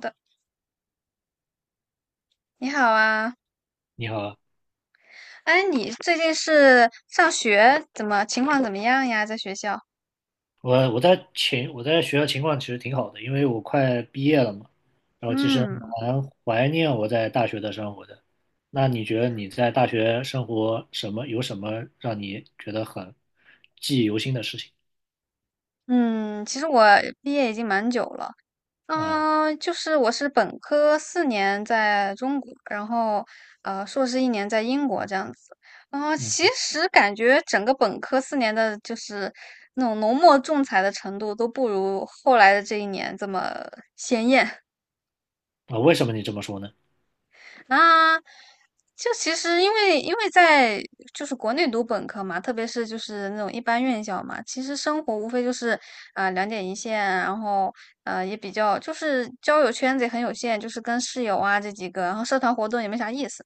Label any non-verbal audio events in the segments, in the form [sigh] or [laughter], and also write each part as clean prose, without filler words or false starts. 的。你好啊，你好。哎，你最近是上学怎么情况怎么样呀？在学校？我在学校情况其实挺好的，因为我快毕业了嘛，然后其实嗯蛮怀念我在大学的生活的。那你觉得你在大学生活有什么让你觉得很记忆犹新的事情嗯。其实我毕业已经蛮久了，啊？就是我是本科四年在中国，然后硕士一年在英国这样子。然后其嗯。实感觉整个本科四年的就是那种浓墨重彩的程度都不如后来的这一年这么鲜艳。啊，为什么你这么说呢？啊，就其实因为在就是国内读本科嘛，特别是就是那种一般院校嘛，其实生活无非就是两点一线啊，然后也比较就是交友圈子也很有限，就是跟室友啊这几个，然后社团活动也没啥意思。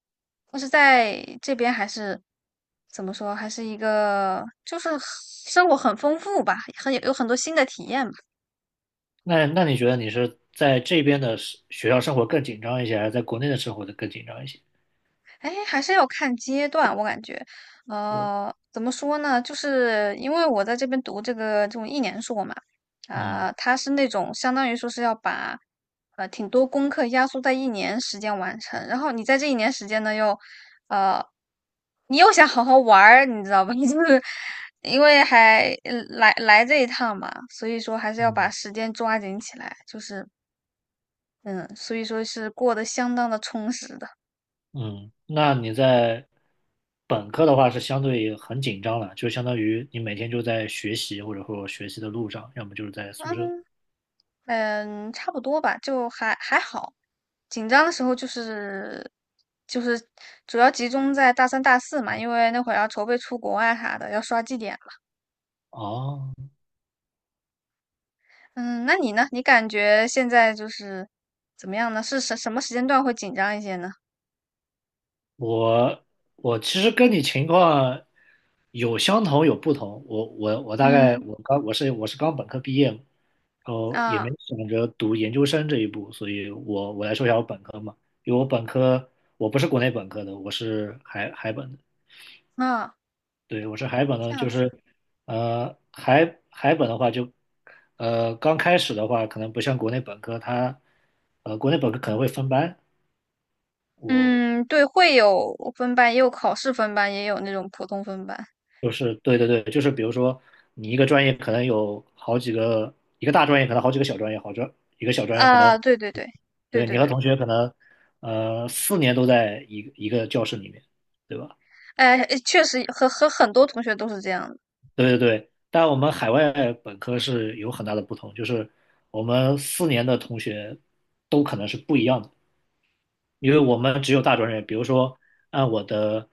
但是在这边还是怎么说，还是一个就是生活很丰富吧，有很多新的体验吧。那你觉得你是在这边的是学校生活更紧张一些，还是在国内的生活的更紧张一些？哎，还是要看阶段，我感觉，怎么说呢？就是因为我在这边读这个这种一年硕嘛，嗯它是那种相当于说是要把挺多功课压缩在一年时间完成，然后你在这一年时间呢又呃，你又想好好玩儿，你知道吧？[laughs] 就是因为还来这一趟嘛，所以说还是要把嗯时间抓紧起来，就是嗯，所以说是过得相当的充实的。嗯。那你在本科的话是相对很紧张了，就相当于你每天就在学习，或者说学习的路上，要么就是在宿舍。嗯，差不多吧，就还好。紧张的时候就是主要集中在大三、大四嘛，因为那会儿要筹备出国啊啥的，要刷绩点嘛。哦，嗯，那你呢？你感觉现在就是怎么样呢？是什么时间段会紧张一些呢？我我其实跟你情况有相同有不同，我我我大概嗯我刚我是我是刚本科毕业嘛，然后也啊没想着读研究生这一步，所以我来说一下我本科嘛。因为我本科我不是国内本科的，我是海本的，啊，对，我是海本这的，样就子。是，海本的话就，刚开始的话，可能不像国内本科，它，国内本科可能会分班。我嗯，对，会有分班，也有考试分班，也有那种普通分班。就是对对对，就是比如说你一个专业可能有好几个，一个大专业可能好几个小专业，一个小专业可能，啊，对对对对对对你和对，同学可能，四年都在一个一个教室里面，对吧？哎，确实和很多同学都是这样的。对对对，但我们海外本科是有很大的不同，就是我们四年的同学都可能是不一样的，因为我们只有大专业。比如说，按我的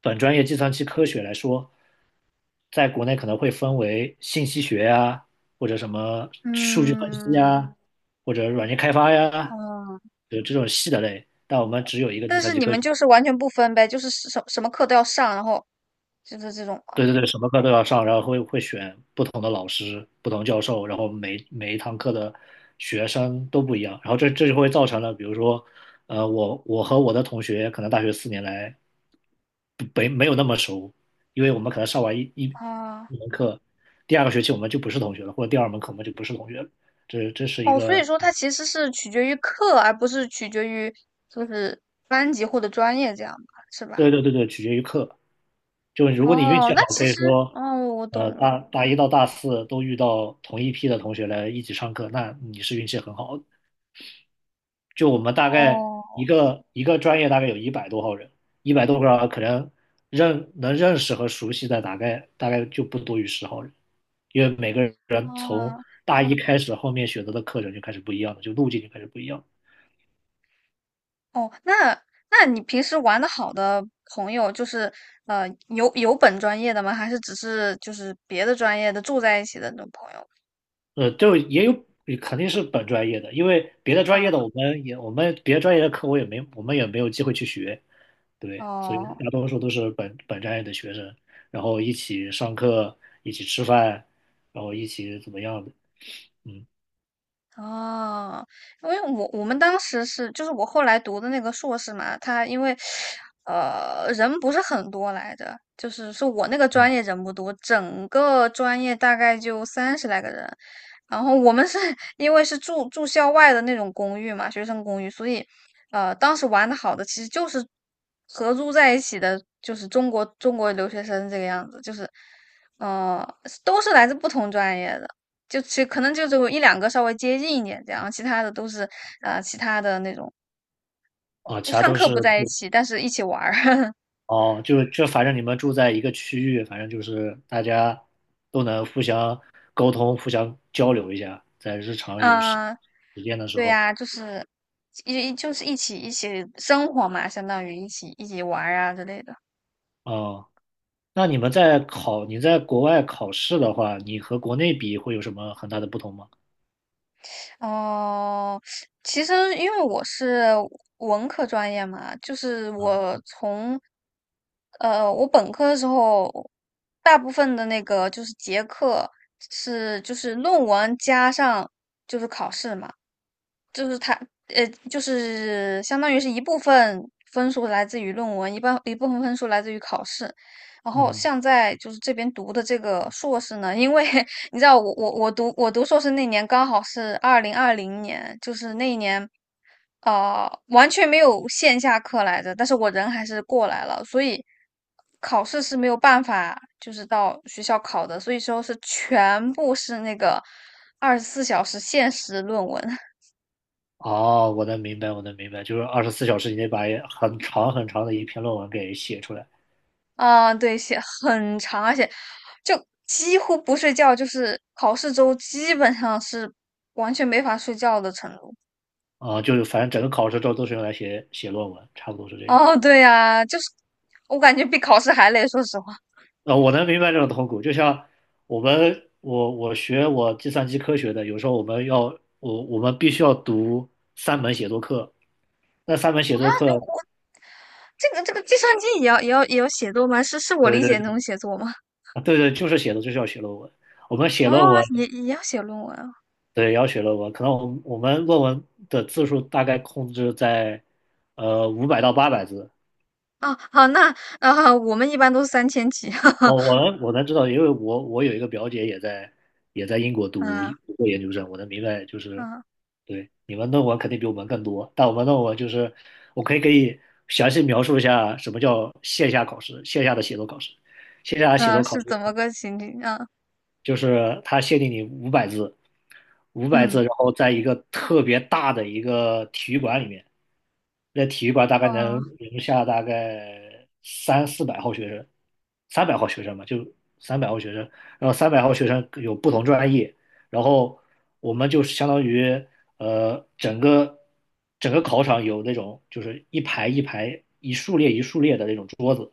本专业计算机科学来说，在国内可能会分为信息学呀，或者什么数据分析嗯，呀，或者软件开发呀，哦，有这种细的类。但我们只有一个计但算是机你科们学。就是完全不分呗，就是什么课都要上，然后就是这种吗？对对对，什么课都要上，然后会选不同的老师、不同教授，然后每一堂课的学生都不一样，然后这就会造成了，比如说，我和我的同学可能大学四年来不没没有那么熟，因为我们可能上完一一啊，一门课，第二个学期我们就不是同学了，或者第二门课我们就不是同学了，这是一哦，所以个。说它其实是取决于课，而不是取决于就是班级或者专业这样吧，是吧？对对对对，取决于课。就如果你运哦，气那好，其可以实，哦，说，我懂了。大一到大四都遇到同一批的同学来一起上课，那你是运气很好的。就我们大概哦，一个一个专业大概有100多号人，100多个人可能认识和熟悉的大概就不多于10号人，因为每个人从啊，大一开始后面选择的课程就开始不一样了，就路径就开始不一样了。哦，那那你平时玩的好的朋友，就是有本专业的吗？还是只是就是别的专业的住在一起的那种朋友？就也有肯定是本专业的，因为别的专业的啊，我们也我们别的专业的课我也没，我们也没有机会去学。对，所以哦。大多数都是本专业的学生，然后一起上课，一起吃饭，然后一起怎么样的，嗯。哦，因为我们当时是，就是我后来读的那个硕士嘛，他因为，人不是很多来着，就是是我那个专业人不多，整个专业大概就30来个人，然后我们是 [laughs] 因为是住校外的那种公寓嘛，学生公寓，所以，当时玩的好的其实就是合租在一起的，就是中国留学生这个样子，就是，呃，都是来自不同专业的。就其可能就只有一两个稍微接近一点这样，其他的都是呃其他的那种，啊，就其他上都课是。不在一起，但是一起玩儿，[laughs] 哦，就反正你们住在一个区域，反正就是大家都能互相沟通、互相交流一下，在日常有时啊，时间的时对候，呀、就是就是一起生活嘛，相当于一起玩儿啊之类的。嗯。那，你在国外考试的话，你和国内比会有什么很大的不同吗？哦，其实因为我是文科专业嘛，就是我从我本科的时候，大部分的那个就是结课是就是论文加上就是考试嘛。呃，就是相当于是一部分分数来自于论文，一半一部分分数来自于考试。然后嗯。像在就是这边读的这个硕士呢，因为 [laughs] 你知道我读硕士那年刚好是二零二零年，就是那一年，完全没有线下课来着，但是我人还是过来了，所以考试是没有办法就是到学校考的，所以说是全部是那个24小时限时论文。哦，我能明白，我能明白，就是24小时以内把很长很长的一篇论文给写出来。啊，对，写很长，而且就几乎不睡觉，就是考试周基本上是完全没法睡觉的程度。啊，就是反正整个考试周都是用来写论文，差不多是这样。哦，对呀，就是我感觉比考试还累，说实话。啊，我能明白这种痛苦，就像我们我我学我计算机科学的，有时候我们必须要读三门写作课，那三门写作课，我这个计算机也要写作吗？是是我对理解对的那种对，写作吗？对对，就是写的就是要写论文。我们写哦，论文，也要写论文啊。对，要写论文，可能我们论文的字数大概控制在500到800字。啊，好，那啊，我们一般都是3000起，哦，[laughs] 我能知道，因为我有一个表姐也在英国啊读过研究生，我能明白就是，啊对，你们论文肯定比我们更多，但我们论文就是我可以给你详细描述一下什么叫线下考试，线下的写作考试，线下的写啊，作考是试怎么个情景啊？就是他限定你五百字，五百字，嗯，然后在一个特别大的一个体育馆里面，那体育馆大哦概能啊，容下大概3、400号学生，三百号学生嘛，就三百号学生，然后三百号学生有不同专业，然后我们就相当于整个考场有那种就是一排一排一竖列一竖列的那种桌子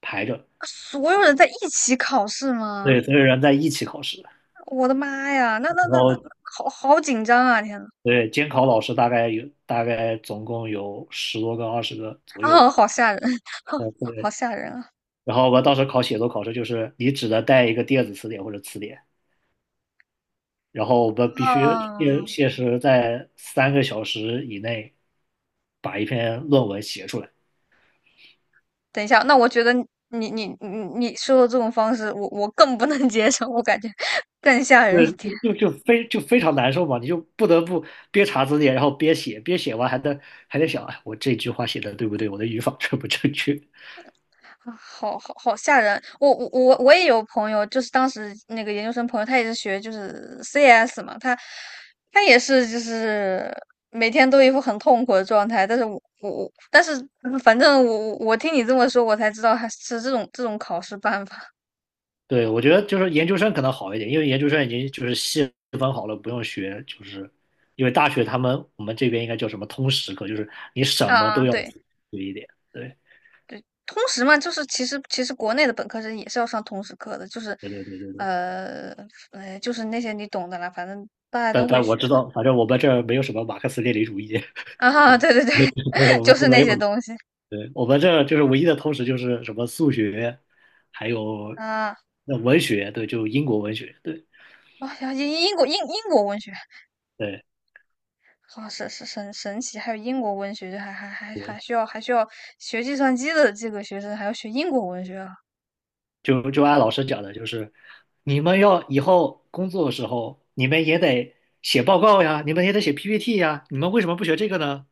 排着，所有人在一起考试吗？对，所有人在一起考试，我的妈呀，那那然那那，后好紧张啊！天呐，对，监考老师大概有总共有10多个、20个左右。啊，好吓人，[laughs] 好对。吓人啊！然后我们当时考写作考试，就是你只能带一个电子词典或者词典，然后我们必须限啊，限时在3个小时以内把一篇论文写出来。等一下，那我觉得你你你你说的这种方式，我更不能接受，我感觉更吓人对，一点。就非常难受嘛，你就不得不边查字典，然后边写，边写完还得想，哎，我这句话写的对不对？我的语法 [laughs] 正不正确？啊，好吓人！我也有朋友，就是当时那个研究生朋友，他也是学就是 CS 嘛，他也是就是每天都一副很痛苦的状态。但是我，但是反正我听你这么说，我才知道还是这种考试办法 对，我觉得就是研究生可能好一点，因为研究生已经就是细分好了，不用学，就是因为大学我们这边应该叫什么通识课，就是你什 [laughs] 么啊。都要对，学一点。对，通识嘛，就是其实国内的本科生也是要上通识课的，就是对对对对对。呃就是那些你懂的啦，反正大家但都会但我学知的 道，反正我们这儿没有什么马克思列宁主义，[laughs] [laughs] 啊。对对对，对，对，[laughs] 我就们这是没那些有。东西对，我们这儿就是唯一的通识就是什么数学，还有啊。那文学，对，就英国文学，对，啊呀，英国文学，对好哦神奇，还有英国文学，就还还还还对。需要还需要学计算机的这个学生还要学英国文学啊，就按老师讲的，就是你们要以后工作的时候，你们也得写报告呀，你们也得写 PPT 呀，你们为什么不学这个呢？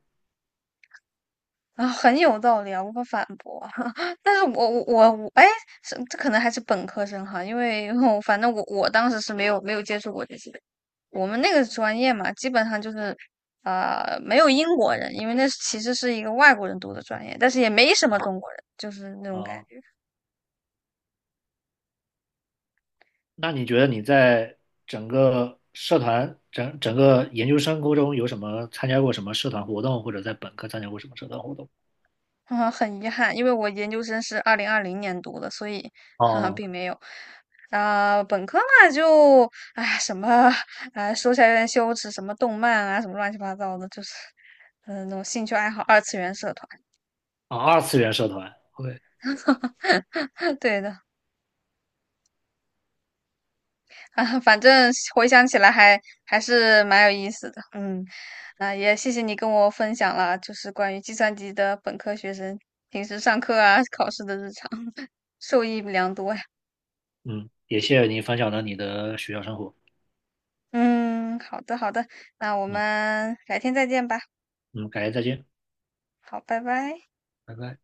啊，很有道理啊，无法反驳啊。[laughs] 但是我，哎，是这可能还是本科生哈，因为我 [laughs] 反正我当时是没有接触过这些，我们那个专业嘛，基本上就是。啊，没有英国人，因为那其实是一个外国人读的专业，但是也没什么中国人，就是那种感啊，觉。那你觉得你在整个社团、整个研究生沟中有什么参加过什么社团活动，或者在本科参加过什么社团活动？啊，很遗憾，因为我研究生是二零二零年读的，所以，哈哈，哦。并没有。本科嘛，就哎，什么，哎，说起来有点羞耻，什么动漫啊，什么乱七八糟的，就是，那种兴趣爱好二次元社团。啊，二次元社团，OK。[laughs] 对的，啊，反正回想起来还是蛮有意思的。嗯，啊，也谢谢你跟我分享了，就是关于计算机的本科学生平时上课啊、考试的日常，[laughs] 受益良多呀。嗯，也谢谢你分享了你的学校生活，嗯，好的好的，那我嗯们改天再见吧。嗯，感谢再见，好，拜拜。拜拜。